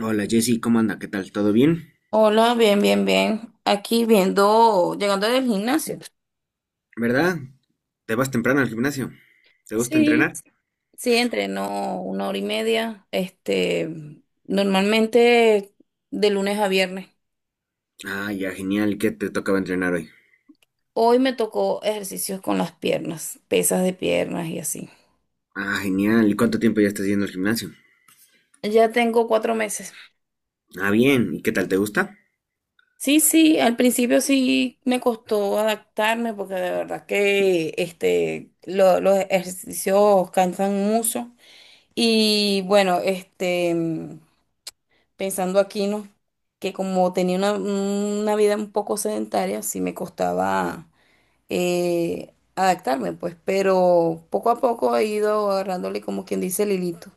Hola Jessy, ¿cómo anda? ¿Qué tal? ¿Todo bien? Hola, bien, bien, bien. Aquí viendo, llegando del gimnasio. ¿Verdad? ¿Te vas temprano al gimnasio? ¿Te gusta entrenar? Sí, sí, entreno una hora y media. Normalmente de lunes a viernes. Ah, ya, genial. ¿Y qué te tocaba entrenar hoy? Hoy me tocó ejercicios con las piernas, pesas de piernas y así. Ah, genial. ¿Y cuánto tiempo ya estás yendo al gimnasio? Ya tengo 4 meses. Ah, bien. ¿Y qué tal? ¿Te gusta? Sí, sí, al principio sí me costó adaptarme porque de verdad que los ejercicios cansan mucho. Y bueno, pensando aquí, ¿no? Que como tenía una vida un poco sedentaria, sí me costaba adaptarme, pues, pero poco a poco he ido agarrándole como quien dice el hilito.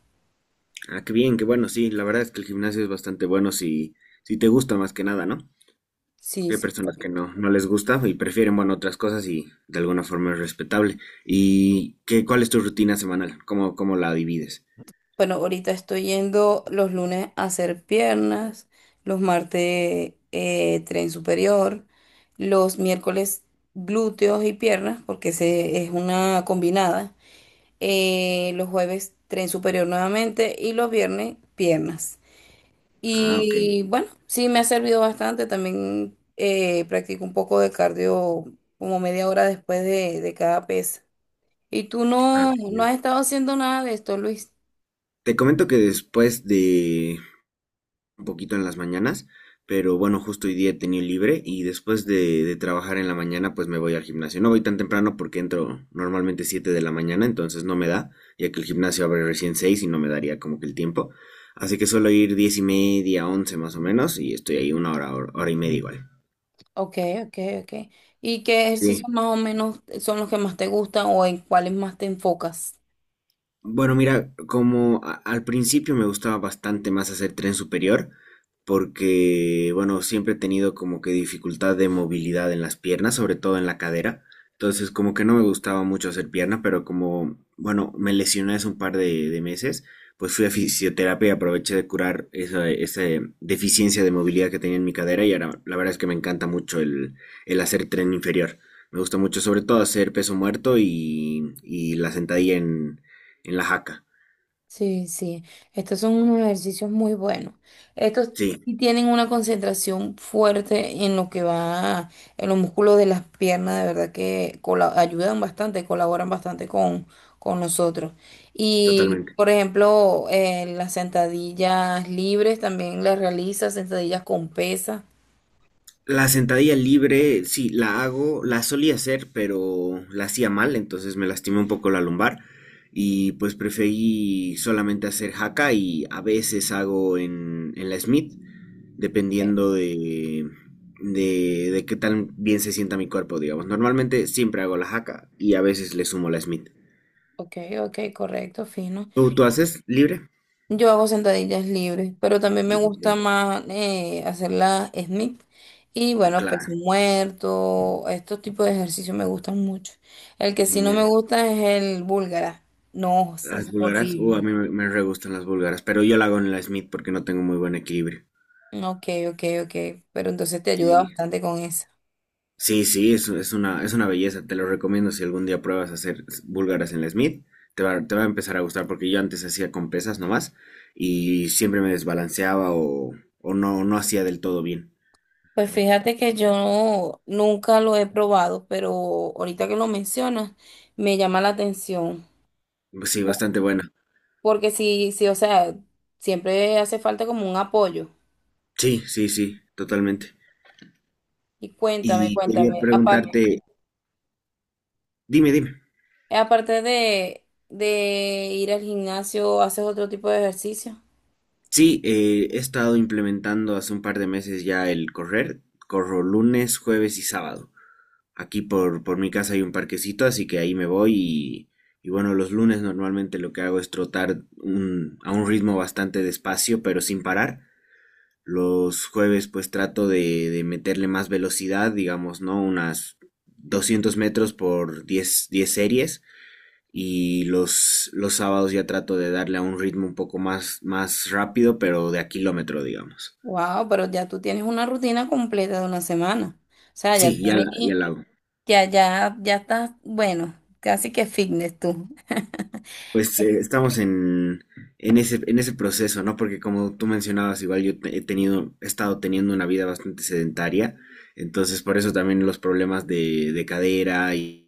Ah, qué bien, qué bueno. Sí, la verdad es que el gimnasio es bastante bueno si te gusta más que nada, ¿no? Sí, Porque hay sí. personas que Correcto. no les gusta y prefieren, bueno, otras cosas y de alguna forma es respetable. ¿Y qué, cuál es tu rutina semanal? ¿Cómo la divides? Bueno, ahorita estoy yendo los lunes a hacer piernas, los martes tren superior, los miércoles glúteos y piernas, porque es una combinada. Los jueves tren superior nuevamente y los viernes piernas. Ah, ok. Y bueno, sí me ha servido bastante. También practico un poco de cardio como media hora después de cada pesa. Y tú Ah, no, no genial. has estado haciendo nada de esto, Luis. Te comento que un poquito en las mañanas, pero bueno, justo hoy día he tenido libre y después de trabajar en la mañana pues me voy al gimnasio. No voy tan temprano porque entro normalmente 7 de la mañana, entonces no me da, ya que el gimnasio abre recién 6 y no me daría como que el tiempo. Así que suelo ir 10 y media, 11 más o menos y estoy ahí una hora hora y media igual. Ok, ok, ok. ¿Y qué Sí, ejercicios más o menos son los que más te gustan o en cuáles más te enfocas? bueno, mira, como al principio me gustaba bastante más hacer tren superior, porque, bueno, siempre he tenido como que dificultad de movilidad en las piernas, sobre todo en la cadera. Entonces, como que no me gustaba mucho hacer pierna, pero como, bueno, me lesioné hace un par de meses, pues fui a fisioterapia y aproveché de curar esa deficiencia de movilidad que tenía en mi cadera y ahora la verdad es que me encanta mucho el hacer tren inferior. Me gusta mucho, sobre todo, hacer peso muerto y la sentadilla en la jaca. Sí, sí, estos son unos ejercicios muy buenos. Estos Sí, sí tienen una concentración fuerte en lo que va, en los músculos de las piernas, de verdad que ayudan bastante, colaboran bastante con nosotros. Y, totalmente. por ejemplo, las sentadillas libres también las realizas, sentadillas con pesas. La sentadilla libre, sí, la hago, la solía hacer, pero la hacía mal, entonces me lastimé un poco la lumbar y pues preferí solamente hacer jaca y a veces hago en la Smith, Ok, dependiendo de qué tan bien se sienta mi cuerpo, digamos. Normalmente siempre hago la jaca y a veces le sumo la Smith. ok, ok, correcto, fino. ¿Tú haces libre? Yo hago sentadillas libres, pero también me No, gusta ok, más hacer la Smith. Y bueno, claro, peso muerto, estos tipos de ejercicios me gustan mucho. El que sí no me genial. gusta es el búlgara. No, eso es Las búlgaras, a horrible. mí me re gustan las búlgaras, pero yo la hago en la Smith porque no tengo muy buen equilibrio. Ok, ok, ok. Pero entonces te ayuda Sí, bastante con eso. sí, sí, es una belleza, te lo recomiendo si algún día pruebas a hacer búlgaras en la Smith, te va a empezar a gustar porque yo antes hacía con pesas nomás y siempre me desbalanceaba o, o no hacía del todo bien. Pues fíjate que yo nunca lo he probado, pero ahorita que lo mencionas, me llama la atención. Pues sí, bastante buena. Porque sí, sí, o sea, siempre hace falta como un apoyo. Sí, sí, sí, totalmente. Y cuéntame, Y quería cuéntame, aparte, preguntarte, dime, dime. aparte de ir al gimnasio, ¿haces otro tipo de ejercicio? Sí, he estado implementando hace un par de meses ya el correr. Corro lunes, jueves y sábado. Aquí por mi casa hay un parquecito, así que ahí me voy y bueno, los lunes normalmente lo que hago es trotar a un ritmo bastante despacio, pero sin parar. Los jueves pues trato de meterle más velocidad, digamos, ¿no? Unas 200 metros por diez series y los sábados ya trato de darle a un ritmo un poco más, más rápido, pero de a kilómetro, digamos. Wow, pero ya tú tienes una rutina completa de una semana. O sea, ya Sí, ya tienes, la hago. ya estás, bueno, casi que fitness tú. Pues estamos en en ese proceso, ¿no? Porque como tú mencionabas, igual he tenido, he estado teniendo una vida bastante sedentaria, entonces por eso también los problemas de cadera y...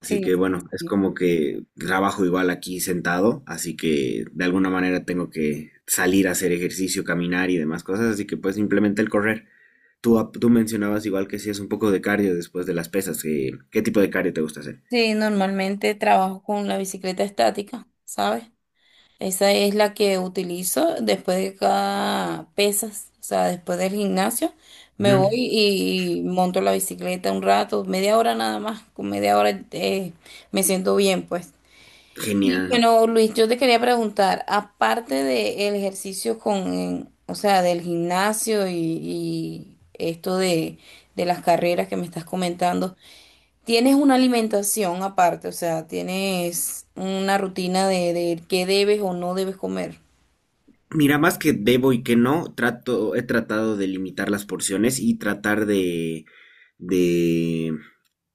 Así Sí, que sí, bueno, es sí. como que trabajo igual aquí sentado, así que de alguna manera tengo que salir a hacer ejercicio, caminar y demás cosas, así que pues simplemente el correr. Tú mencionabas igual que hacías un poco de cardio después de las pesas. ¿Qué, qué tipo de cardio te gusta hacer? Sí, normalmente trabajo con la bicicleta estática, ¿sabes? Esa es la que utilizo después de cada pesas, o sea, después del gimnasio. Me Ujú. voy y monto la bicicleta un rato, media hora nada más, con media hora me siento bien, pues. Y Genial. bueno, Luis, yo te quería preguntar, aparte del ejercicio con, o sea, del gimnasio y esto de las carreras que me estás comentando, ¿tienes una alimentación aparte? O sea, ¿tienes una rutina de qué debes o no debes comer? Mira, más que debo y que no, trato, he tratado de limitar las porciones y tratar de,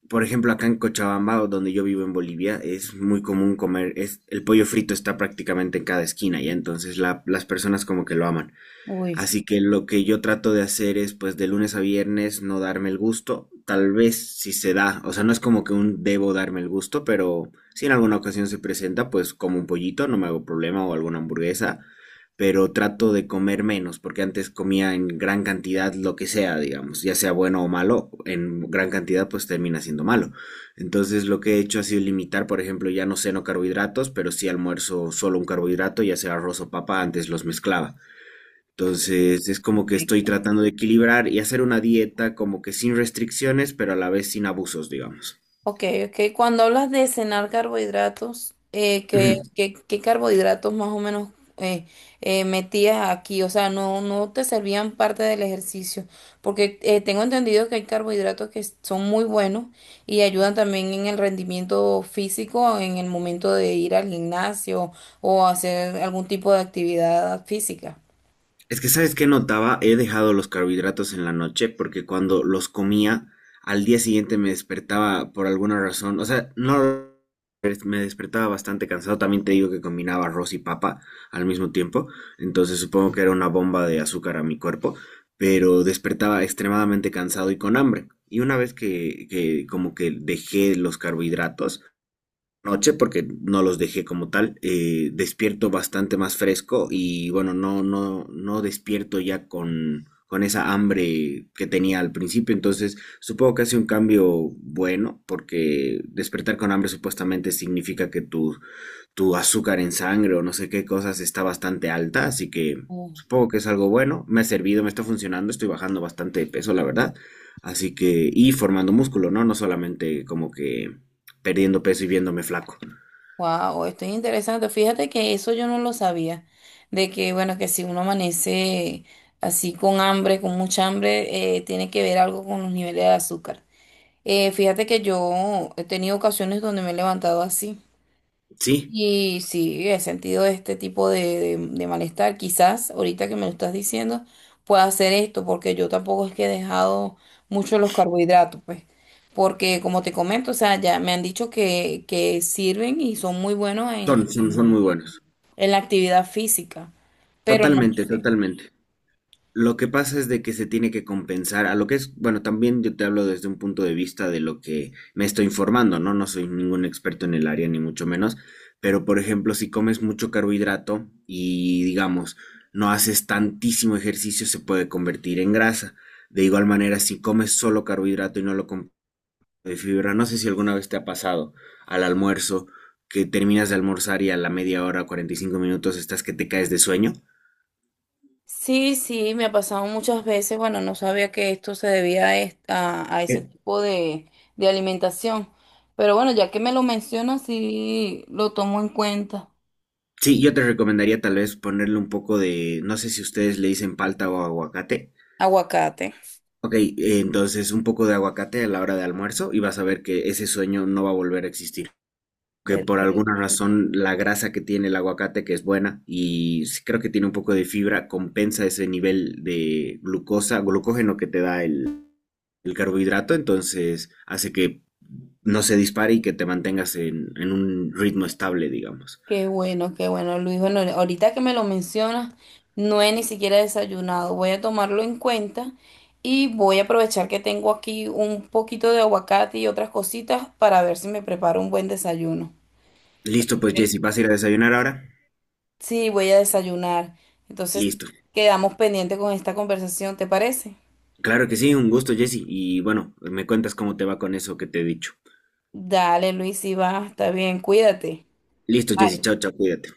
por ejemplo, acá en Cochabamba, o donde yo vivo en Bolivia, es muy común comer, es, el pollo frito está prácticamente en cada esquina, ya entonces las personas como que lo aman. Uy, Así que lo que yo trato de hacer es, pues, de lunes a viernes no darme el gusto. Tal vez si se da, o sea, no es como que un debo darme el gusto, pero si en alguna ocasión se presenta, pues como un pollito, no me hago problema o alguna hamburguesa, pero trato de comer menos, porque antes comía en gran cantidad lo que sea, digamos, ya sea bueno o malo, en gran cantidad pues termina siendo malo. Entonces lo que he hecho ha sido limitar, por ejemplo, ya no ceno carbohidratos, pero sí almuerzo solo un carbohidrato, ya sea arroz o papa, antes los mezclaba. Entonces es como que estoy perfecto. tratando de equilibrar y hacer una dieta como que sin restricciones, pero a la vez sin abusos, digamos. Ok, ok. Cuando hablas de cenar carbohidratos, qué carbohidratos más o menos eh, metías aquí? O sea, no, no te servían parte del ejercicio, porque tengo entendido que hay carbohidratos que son muy buenos y ayudan también en el rendimiento físico en el momento de ir al gimnasio o hacer algún tipo de actividad física. Es que sabes qué notaba, he dejado los carbohidratos en la noche porque cuando los comía al día siguiente me despertaba por alguna razón, o sea, no me despertaba bastante cansado, también te digo que combinaba arroz y papa al mismo tiempo, entonces supongo que era una bomba de azúcar a mi cuerpo, pero despertaba extremadamente cansado y con hambre. Y una vez que como que dejé los carbohidratos, noche porque no los dejé como tal. Despierto bastante más fresco y bueno, no, no, no despierto ya con esa hambre que tenía al principio. Entonces, supongo que hace un cambio bueno porque despertar con hambre supuestamente significa que tu azúcar en sangre o no sé qué cosas está bastante alta, así que supongo que es algo bueno. Me ha servido, me está funcionando, estoy bajando bastante de peso, la verdad. Así que, y formando músculo, ¿no? No solamente como que perdiendo peso y viéndome flaco. Wow, esto es interesante. Fíjate que eso yo no lo sabía. De que, bueno, que si uno amanece así con hambre, con mucha hambre, tiene que ver algo con los niveles de azúcar. Fíjate que yo he tenido ocasiones donde me he levantado así. Sí, Y sí, he sentido este tipo de malestar. Quizás ahorita que me lo estás diciendo, pueda hacer esto, porque yo tampoco es que he dejado mucho los carbohidratos, pues. Porque como te comento, o sea, ya me han dicho que sirven y son muy buenos en son muy buenos. La actividad física, pero no Totalmente, sé. totalmente. Lo que pasa es de que se tiene que compensar a lo que es, bueno, también yo te hablo desde un punto de vista de lo que me estoy informando, ¿no? No soy ningún experto en el área, ni mucho menos, pero por ejemplo, si comes mucho carbohidrato y digamos, no haces tantísimo ejercicio, se puede convertir en grasa. De igual manera, si comes solo carbohidrato y no lo comes de fibra, no sé si alguna vez te ha pasado al almuerzo que terminas de almorzar y a la media hora, 45 minutos, estás que te caes de sueño. Sí, sí, me ha pasado muchas veces. Bueno, no sabía que esto se debía a ese E- tipo de alimentación. Pero bueno, ya que me lo mencionas, sí lo tomo en cuenta. Sí, yo te recomendaría tal vez ponerle un poco de, no sé si ustedes le dicen palta o aguacate. Aguacate. Ok, entonces un poco de aguacate a la hora de almuerzo y vas a ver que ese sueño no va a volver a existir. Que por alguna Perfecto. razón la grasa que tiene el aguacate, que es buena y sí creo que tiene un poco de fibra, compensa ese nivel de glucosa, glucógeno que te da el carbohidrato, entonces hace que no se dispare y que te mantengas en un ritmo estable, digamos. Qué bueno, Luis. Bueno, ahorita que me lo mencionas, no he ni siquiera desayunado. Voy a tomarlo en cuenta y voy a aprovechar que tengo aquí un poquito de aguacate y otras cositas para ver si me preparo un buen desayuno. Listo, pues Eh, Jesse, ¿vas a ir a desayunar ahora? Sí, voy a desayunar. Entonces, Listo. quedamos pendientes con esta conversación, ¿te parece? Claro que sí, un gusto, Jesse. Y bueno, me cuentas cómo te va con eso que te he dicho. Dale, Luis, y va, está bien, cuídate. Listo, Jesse, chao, Bye. chao, cuídate.